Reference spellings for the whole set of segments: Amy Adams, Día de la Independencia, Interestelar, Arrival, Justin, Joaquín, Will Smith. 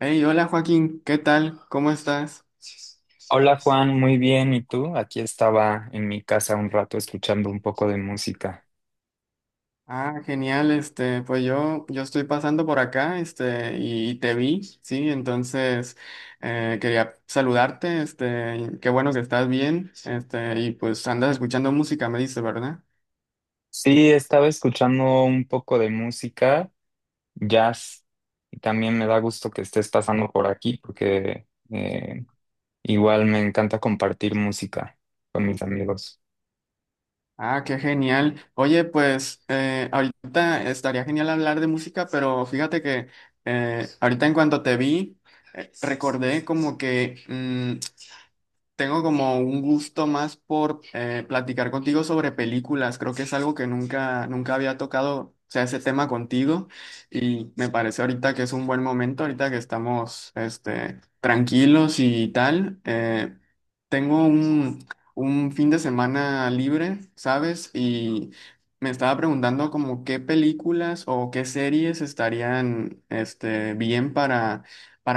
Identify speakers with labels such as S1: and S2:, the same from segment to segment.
S1: Hey, hola Joaquín, ¿qué tal? ¿Cómo estás?
S2: Hola Juan, muy bien. ¿Y tú? Aquí estaba en mi casa un rato escuchando un poco de música.
S1: Ah, genial, pues yo estoy pasando por acá, y te vi, sí, entonces quería saludarte, este, qué bueno que estás bien, y pues andas escuchando música, me dices, ¿verdad?
S2: Sí, estaba escuchando un poco de música, jazz, y también me da gusto que estés pasando por aquí porque eh, igual me encanta compartir música con mis amigos.
S1: Ah, qué genial. Oye, pues ahorita estaría genial hablar de música, pero fíjate que ahorita en cuanto te vi, recordé como que tengo como un gusto más por platicar contigo sobre películas. Creo que es algo que nunca había tocado, o sea, ese tema contigo. Y me parece ahorita que es un buen momento, ahorita que estamos este, tranquilos y tal. Tengo un, un fin de semana libre, ¿sabes? Y me estaba preguntando como qué películas o qué series estarían este, bien para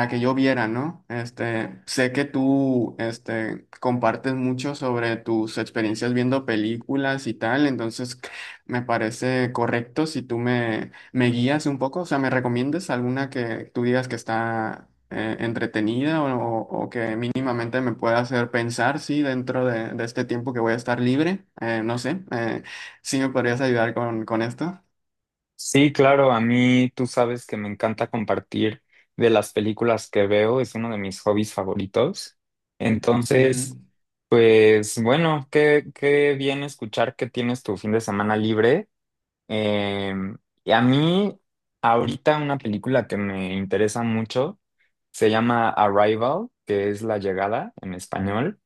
S1: que yo viera, ¿no? Este, sé que tú, este, compartes mucho sobre tus experiencias viendo películas y tal, entonces me parece correcto si tú me guías un poco, o sea, me recomiendes alguna que tú digas que está entretenida o que mínimamente me pueda hacer pensar, sí, de este tiempo que voy a estar libre. No sé, ¿sí me podrías ayudar con esto?
S2: Sí, claro, a mí tú sabes que me encanta compartir de las películas que veo, es uno de mis hobbies favoritos. Entonces, pues bueno, qué bien escuchar que tienes tu fin de semana libre. Eh, y a mí, ahorita una película que me interesa mucho se llama Arrival, que es La Llegada en español.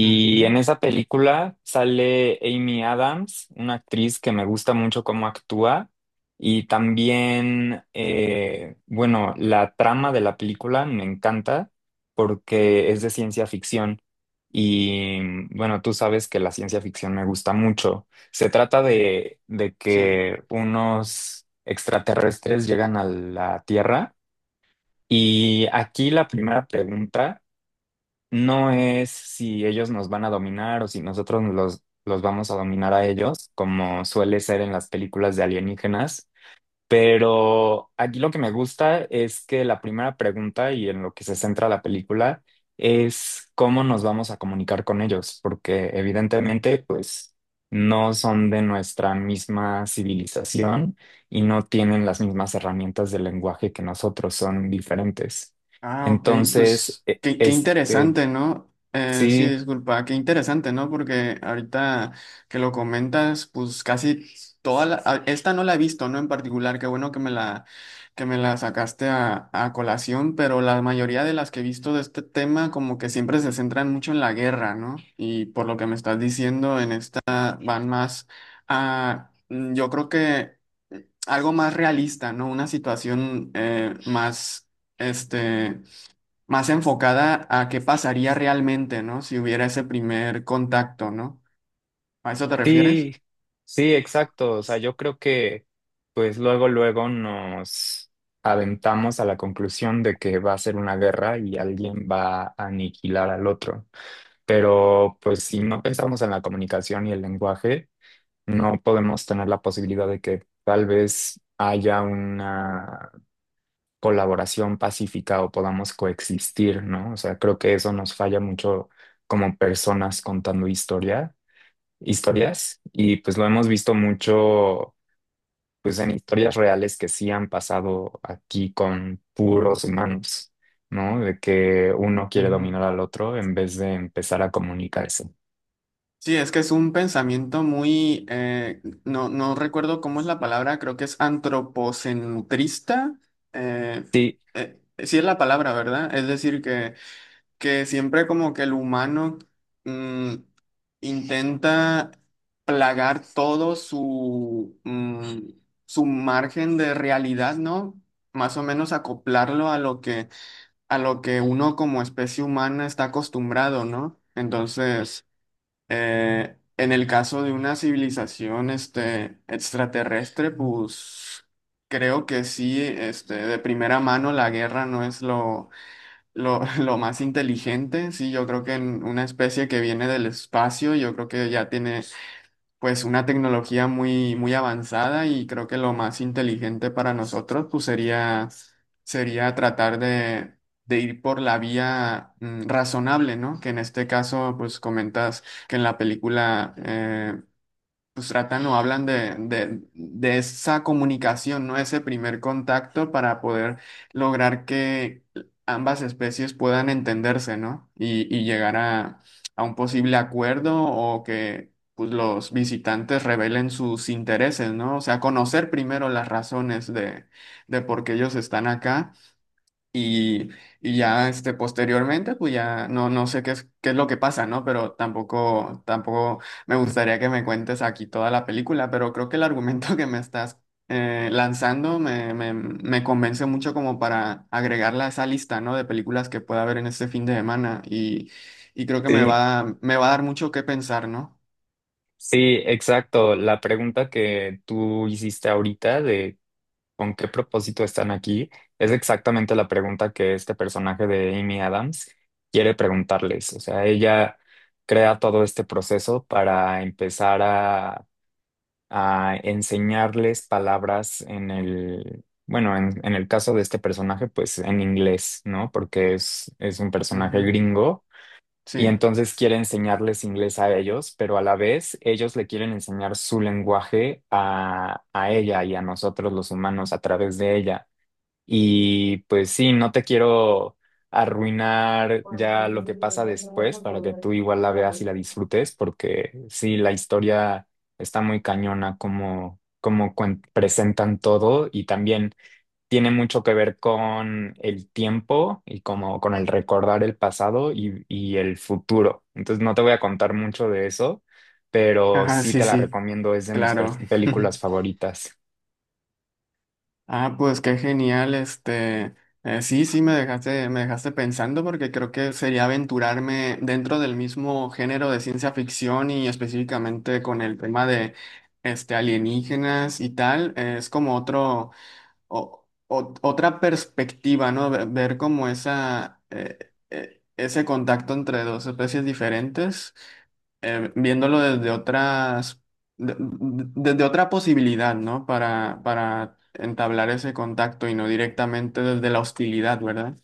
S1: Ujú,
S2: en
S1: ujú.
S2: esa película sale Amy Adams, una actriz que me gusta mucho cómo actúa. Y también, bueno, la trama de la película me encanta porque es de ciencia ficción. Y bueno, tú sabes que la ciencia ficción me gusta mucho. Se trata de
S1: Sí.
S2: que unos extraterrestres llegan a la Tierra. Y aquí la primera pregunta no es si ellos nos van a dominar o si nosotros los vamos a dominar a ellos, como suele ser en las películas de alienígenas. Pero aquí lo que me gusta es que la primera pregunta y en lo que se centra la película es cómo nos vamos a comunicar con ellos, porque evidentemente pues no son de nuestra misma civilización y no tienen las mismas herramientas de lenguaje que nosotros, son diferentes.
S1: Ah, ok,
S2: Entonces,
S1: pues
S2: e-
S1: qué, qué
S2: este
S1: interesante, ¿no? Sí,
S2: Sí,
S1: disculpa, qué interesante, ¿no? Porque ahorita que lo comentas, pues casi esta no la he visto, ¿no? En particular, qué bueno que que me la sacaste a colación, pero la mayoría de las que he visto de este tema como que siempre se centran mucho en la guerra, ¿no? Y por lo que me estás diciendo, en esta van más mm, yo creo que algo más realista, ¿no? Una situación más este, más enfocada a qué pasaría realmente, ¿no? Si hubiera ese primer contacto, ¿no? ¿A eso te refieres?
S2: sí, sí, exacto. O sea, yo creo que pues luego, luego nos aventamos a la conclusión de que va a ser una guerra y alguien va a aniquilar al otro. Pero pues si no pensamos en la comunicación y el lenguaje, no podemos tener la posibilidad de que tal vez haya una colaboración pacífica o podamos coexistir, ¿no? O sea, creo que eso nos falla mucho como personas contando historias y pues lo hemos visto mucho pues en historias reales que sí han pasado aquí con puros humanos, ¿no? De que uno quiere
S1: Ujú.
S2: dominar al otro en vez de empezar a comunicarse.
S1: Sí, es que es un pensamiento muy, no recuerdo cómo es la palabra, creo que es antropocentrista. eh,
S2: Sí,
S1: eh, sí es la palabra, ¿verdad? Es decir, que siempre como que el humano mm, intenta plagar todo su, mm, su margen de realidad, ¿no? Más o menos acoplarlo a a lo que uno como especie humana está acostumbrado, ¿no? Entonces, en el caso de una civilización este, extraterrestre, pues creo que sí, este, de primera mano la guerra no es lo más inteligente, sí, yo creo que en una especie que viene del espacio, yo creo que ya tiene pues una tecnología muy, muy avanzada y creo que lo más inteligente para nosotros sería tratar de ir por la vía mm, razonable, ¿no? Que en este caso pues comentas que en la película pues tratan o hablan de esa comunicación, ¿no? Ese primer contacto para poder lograr que ambas especies puedan entenderse, ¿no? Y llegar a un posible acuerdo o que pues, los visitantes revelen sus intereses, ¿no? O sea, conocer primero de por qué ellos están acá y, y ya este, posteriormente, pues ya no sé qué es lo que pasa, ¿no? Pero tampoco me gustaría que me cuentes aquí toda la película, pero creo que el argumento que me estás lanzando me convence mucho como para agregarla a esa lista, ¿no? De películas que pueda ver en este fin de semana y creo que
S2: sí,
S1: me va a dar mucho que pensar, ¿no?
S2: sí, exacto. La pregunta que tú hiciste ahorita de con qué propósito están aquí es exactamente la pregunta que este personaje de Amy Adams quiere preguntarles. O sea, ella crea todo este proceso para empezar a enseñarles palabras en el, bueno, en el caso de este personaje, pues en inglés, ¿no? Porque es un personaje
S1: Ujú.
S2: gringo y
S1: Sí.
S2: entonces quiere enseñarles inglés a ellos, pero a la vez ellos le quieren enseñar su lenguaje a ella y a nosotros los humanos a través de ella. Y pues sí, no te quiero arruinar ya lo que pasa después para que tú igual la veas y la disfrutes, porque sí, la historia está muy cañona como, presentan todo y también tiene mucho que ver con el tiempo y como con el recordar el pasado y el futuro. Entonces no te voy a contar mucho de eso, pero
S1: Ajá,
S2: sí
S1: sí,
S2: te la
S1: sí,
S2: recomiendo, es de mis
S1: claro.
S2: películas favoritas.
S1: Ah, pues qué genial, este, sí, sí, me dejaste pensando porque creo que sería aventurarme dentro del mismo género de ciencia ficción y específicamente con el tema de, este, alienígenas y tal, es como otra perspectiva, ¿no? Ver como esa, ese contacto entre dos especies diferentes viéndolo desde desde otra posibilidad, ¿no? Para entablar ese contacto y no directamente desde la hostilidad, ¿verdad?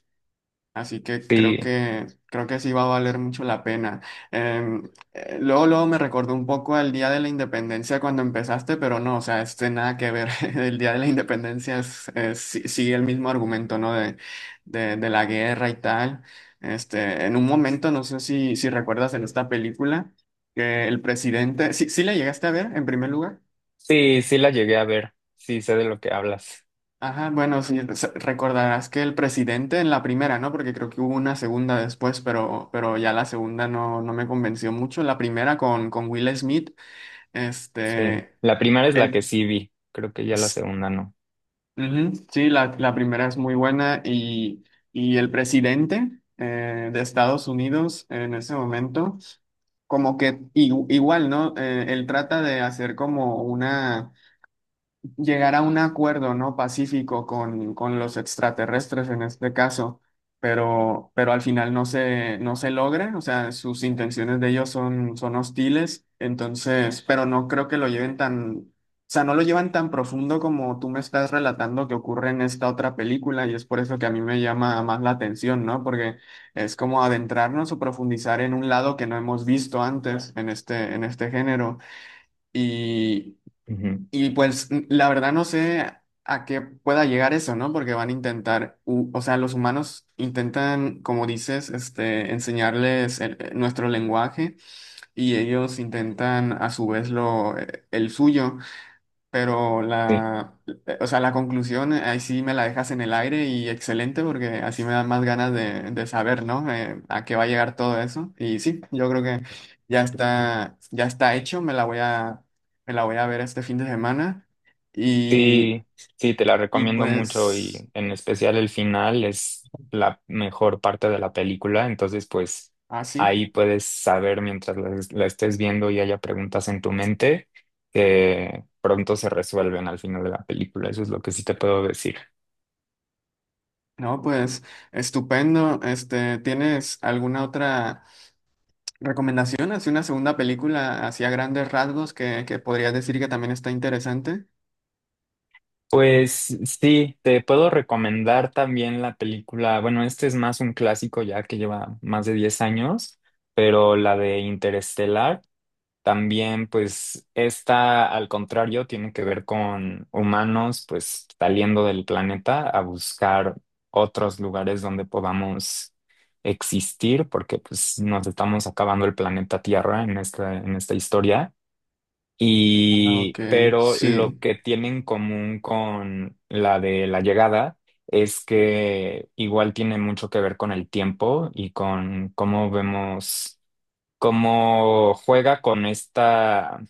S1: Así que
S2: Sí.
S1: creo que sí va a valer mucho la pena. Em, luego, luego me recordó un poco al Día de la Independencia cuando empezaste, pero no, o sea, este nada que ver. El Día de la Independencia sigue el mismo argumento, ¿no? De la guerra y tal. Este, en un momento, no sé si recuerdas en esta película, que el presidente, sí, sí la llegaste a ver en primer lugar.
S2: Sí, sí la llegué a ver. Sí, sé de lo que hablas.
S1: Ajá, bueno, sí, recordarás que el presidente en la primera, ¿no? Porque creo que hubo una segunda después, pero ya la segunda no me convenció mucho. La primera con Will Smith,
S2: Sí.
S1: este,
S2: La primera es la que
S1: el,
S2: sí vi. Creo que ya la
S1: s-
S2: segunda no.
S1: ujú, sí, la primera es muy buena y el presidente de Estados Unidos en ese momento como que igual, ¿no? Él trata de hacer como una llegar a un acuerdo, ¿no? Pacífico con los extraterrestres en este caso, pero al final no se logra, o sea, sus intenciones de ellos son hostiles, entonces, pero no creo que lo lleven tan, o sea, no lo llevan tan profundo como tú me estás relatando que ocurre en esta otra película y es por eso que a mí me llama más la atención, ¿no? Porque es como adentrarnos o profundizar en un lado que no hemos visto antes en en este género. Y,
S2: Ujú.
S1: la verdad no sé a qué pueda llegar eso, ¿no? Porque van a o sea, los humanos intentan, como dices, este, enseñarles nuestro lenguaje y ellos intentan a su vez el suyo. Pero
S2: Sí.
S1: la, o sea, la conclusión ahí sí me la dejas en el aire y excelente porque así me dan más ganas de saber, ¿no? A qué va a llegar todo eso. Y sí, yo creo que ya está hecho, me la voy a ver este fin de semana. Y,
S2: Sí, sí, te la
S1: y
S2: recomiendo mucho
S1: pues
S2: y en especial el final es la mejor parte de la película. Entonces, pues
S1: así,
S2: ahí puedes saber mientras la estés viendo y haya preguntas en tu mente que pronto se resuelven al final de la película. Eso es lo que sí te puedo decir.
S1: ¿No? Pues estupendo. Este, ¿tienes alguna otra recomendación? Así una segunda película así a grandes rasgos que podrías decir que también está interesante.
S2: Pues sí, te puedo recomendar también la película, bueno, este es más un clásico ya que lleva más de 10 años, pero la de Interestelar también, pues esta al contrario tiene que ver con humanos pues saliendo del planeta a buscar otros lugares donde podamos existir, porque pues nos estamos acabando el planeta Tierra en esta historia.
S1: Ah, ok,
S2: Y, pero lo
S1: sí.
S2: que tiene en común con la de la llegada es que igual tiene mucho que ver con el tiempo y con cómo vemos, cómo juega con esta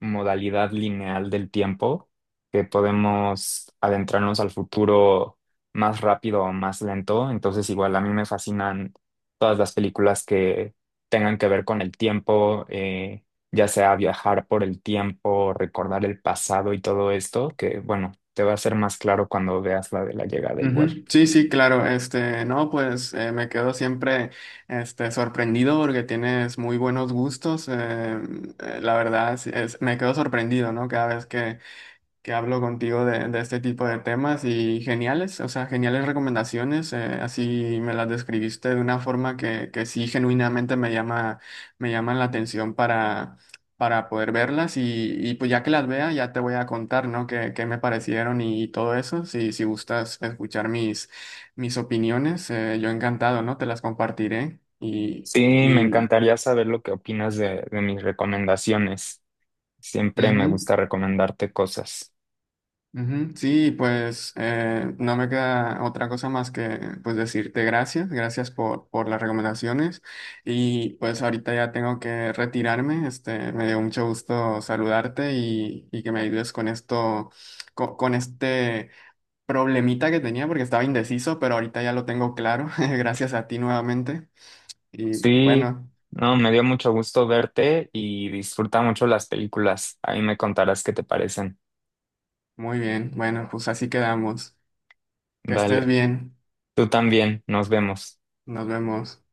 S2: modalidad lineal del tiempo, que podemos adentrarnos al futuro más rápido o más lento. Entonces, igual a mí me fascinan todas las películas que tengan que ver con el tiempo, ya sea viajar por el tiempo, recordar el pasado y todo esto, que bueno, te va a ser más claro cuando veas la de la llegada igual.
S1: Ujú. Sí, sí, claro. Este, no, pues me quedo siempre este, sorprendido porque tienes muy buenos gustos. La verdad, sí, me quedo sorprendido, ¿no? Cada vez que hablo contigo de este tipo de temas y geniales, o sea, geniales recomendaciones, así me las describiste de una forma que sí genuinamente me llaman la atención para poder verlas y pues ya que las vea ya te voy a contar, ¿no? Qué, qué me parecieron y todo eso, si, si gustas escuchar mis opiniones, yo encantado, ¿no? Te las compartiré
S2: Sí, me
S1: y
S2: encantaría saber lo que opinas de mis recomendaciones. Siempre me
S1: ujú.
S2: gusta recomendarte cosas.
S1: Ujú. Sí, pues no me queda otra cosa más que pues decirte gracias por las recomendaciones y pues ahorita ya tengo que retirarme, este, me dio mucho gusto saludarte y que me ayudes con esto, este problemita que tenía porque estaba indeciso, pero ahorita ya lo tengo claro, gracias a ti nuevamente y
S2: Sí,
S1: bueno,
S2: no, me dio mucho gusto verte y disfruta mucho las películas. Ahí me contarás qué te parecen.
S1: muy bien, bueno, pues así quedamos, que estés
S2: Vale,
S1: bien,
S2: tú también, nos vemos.
S1: nos vemos.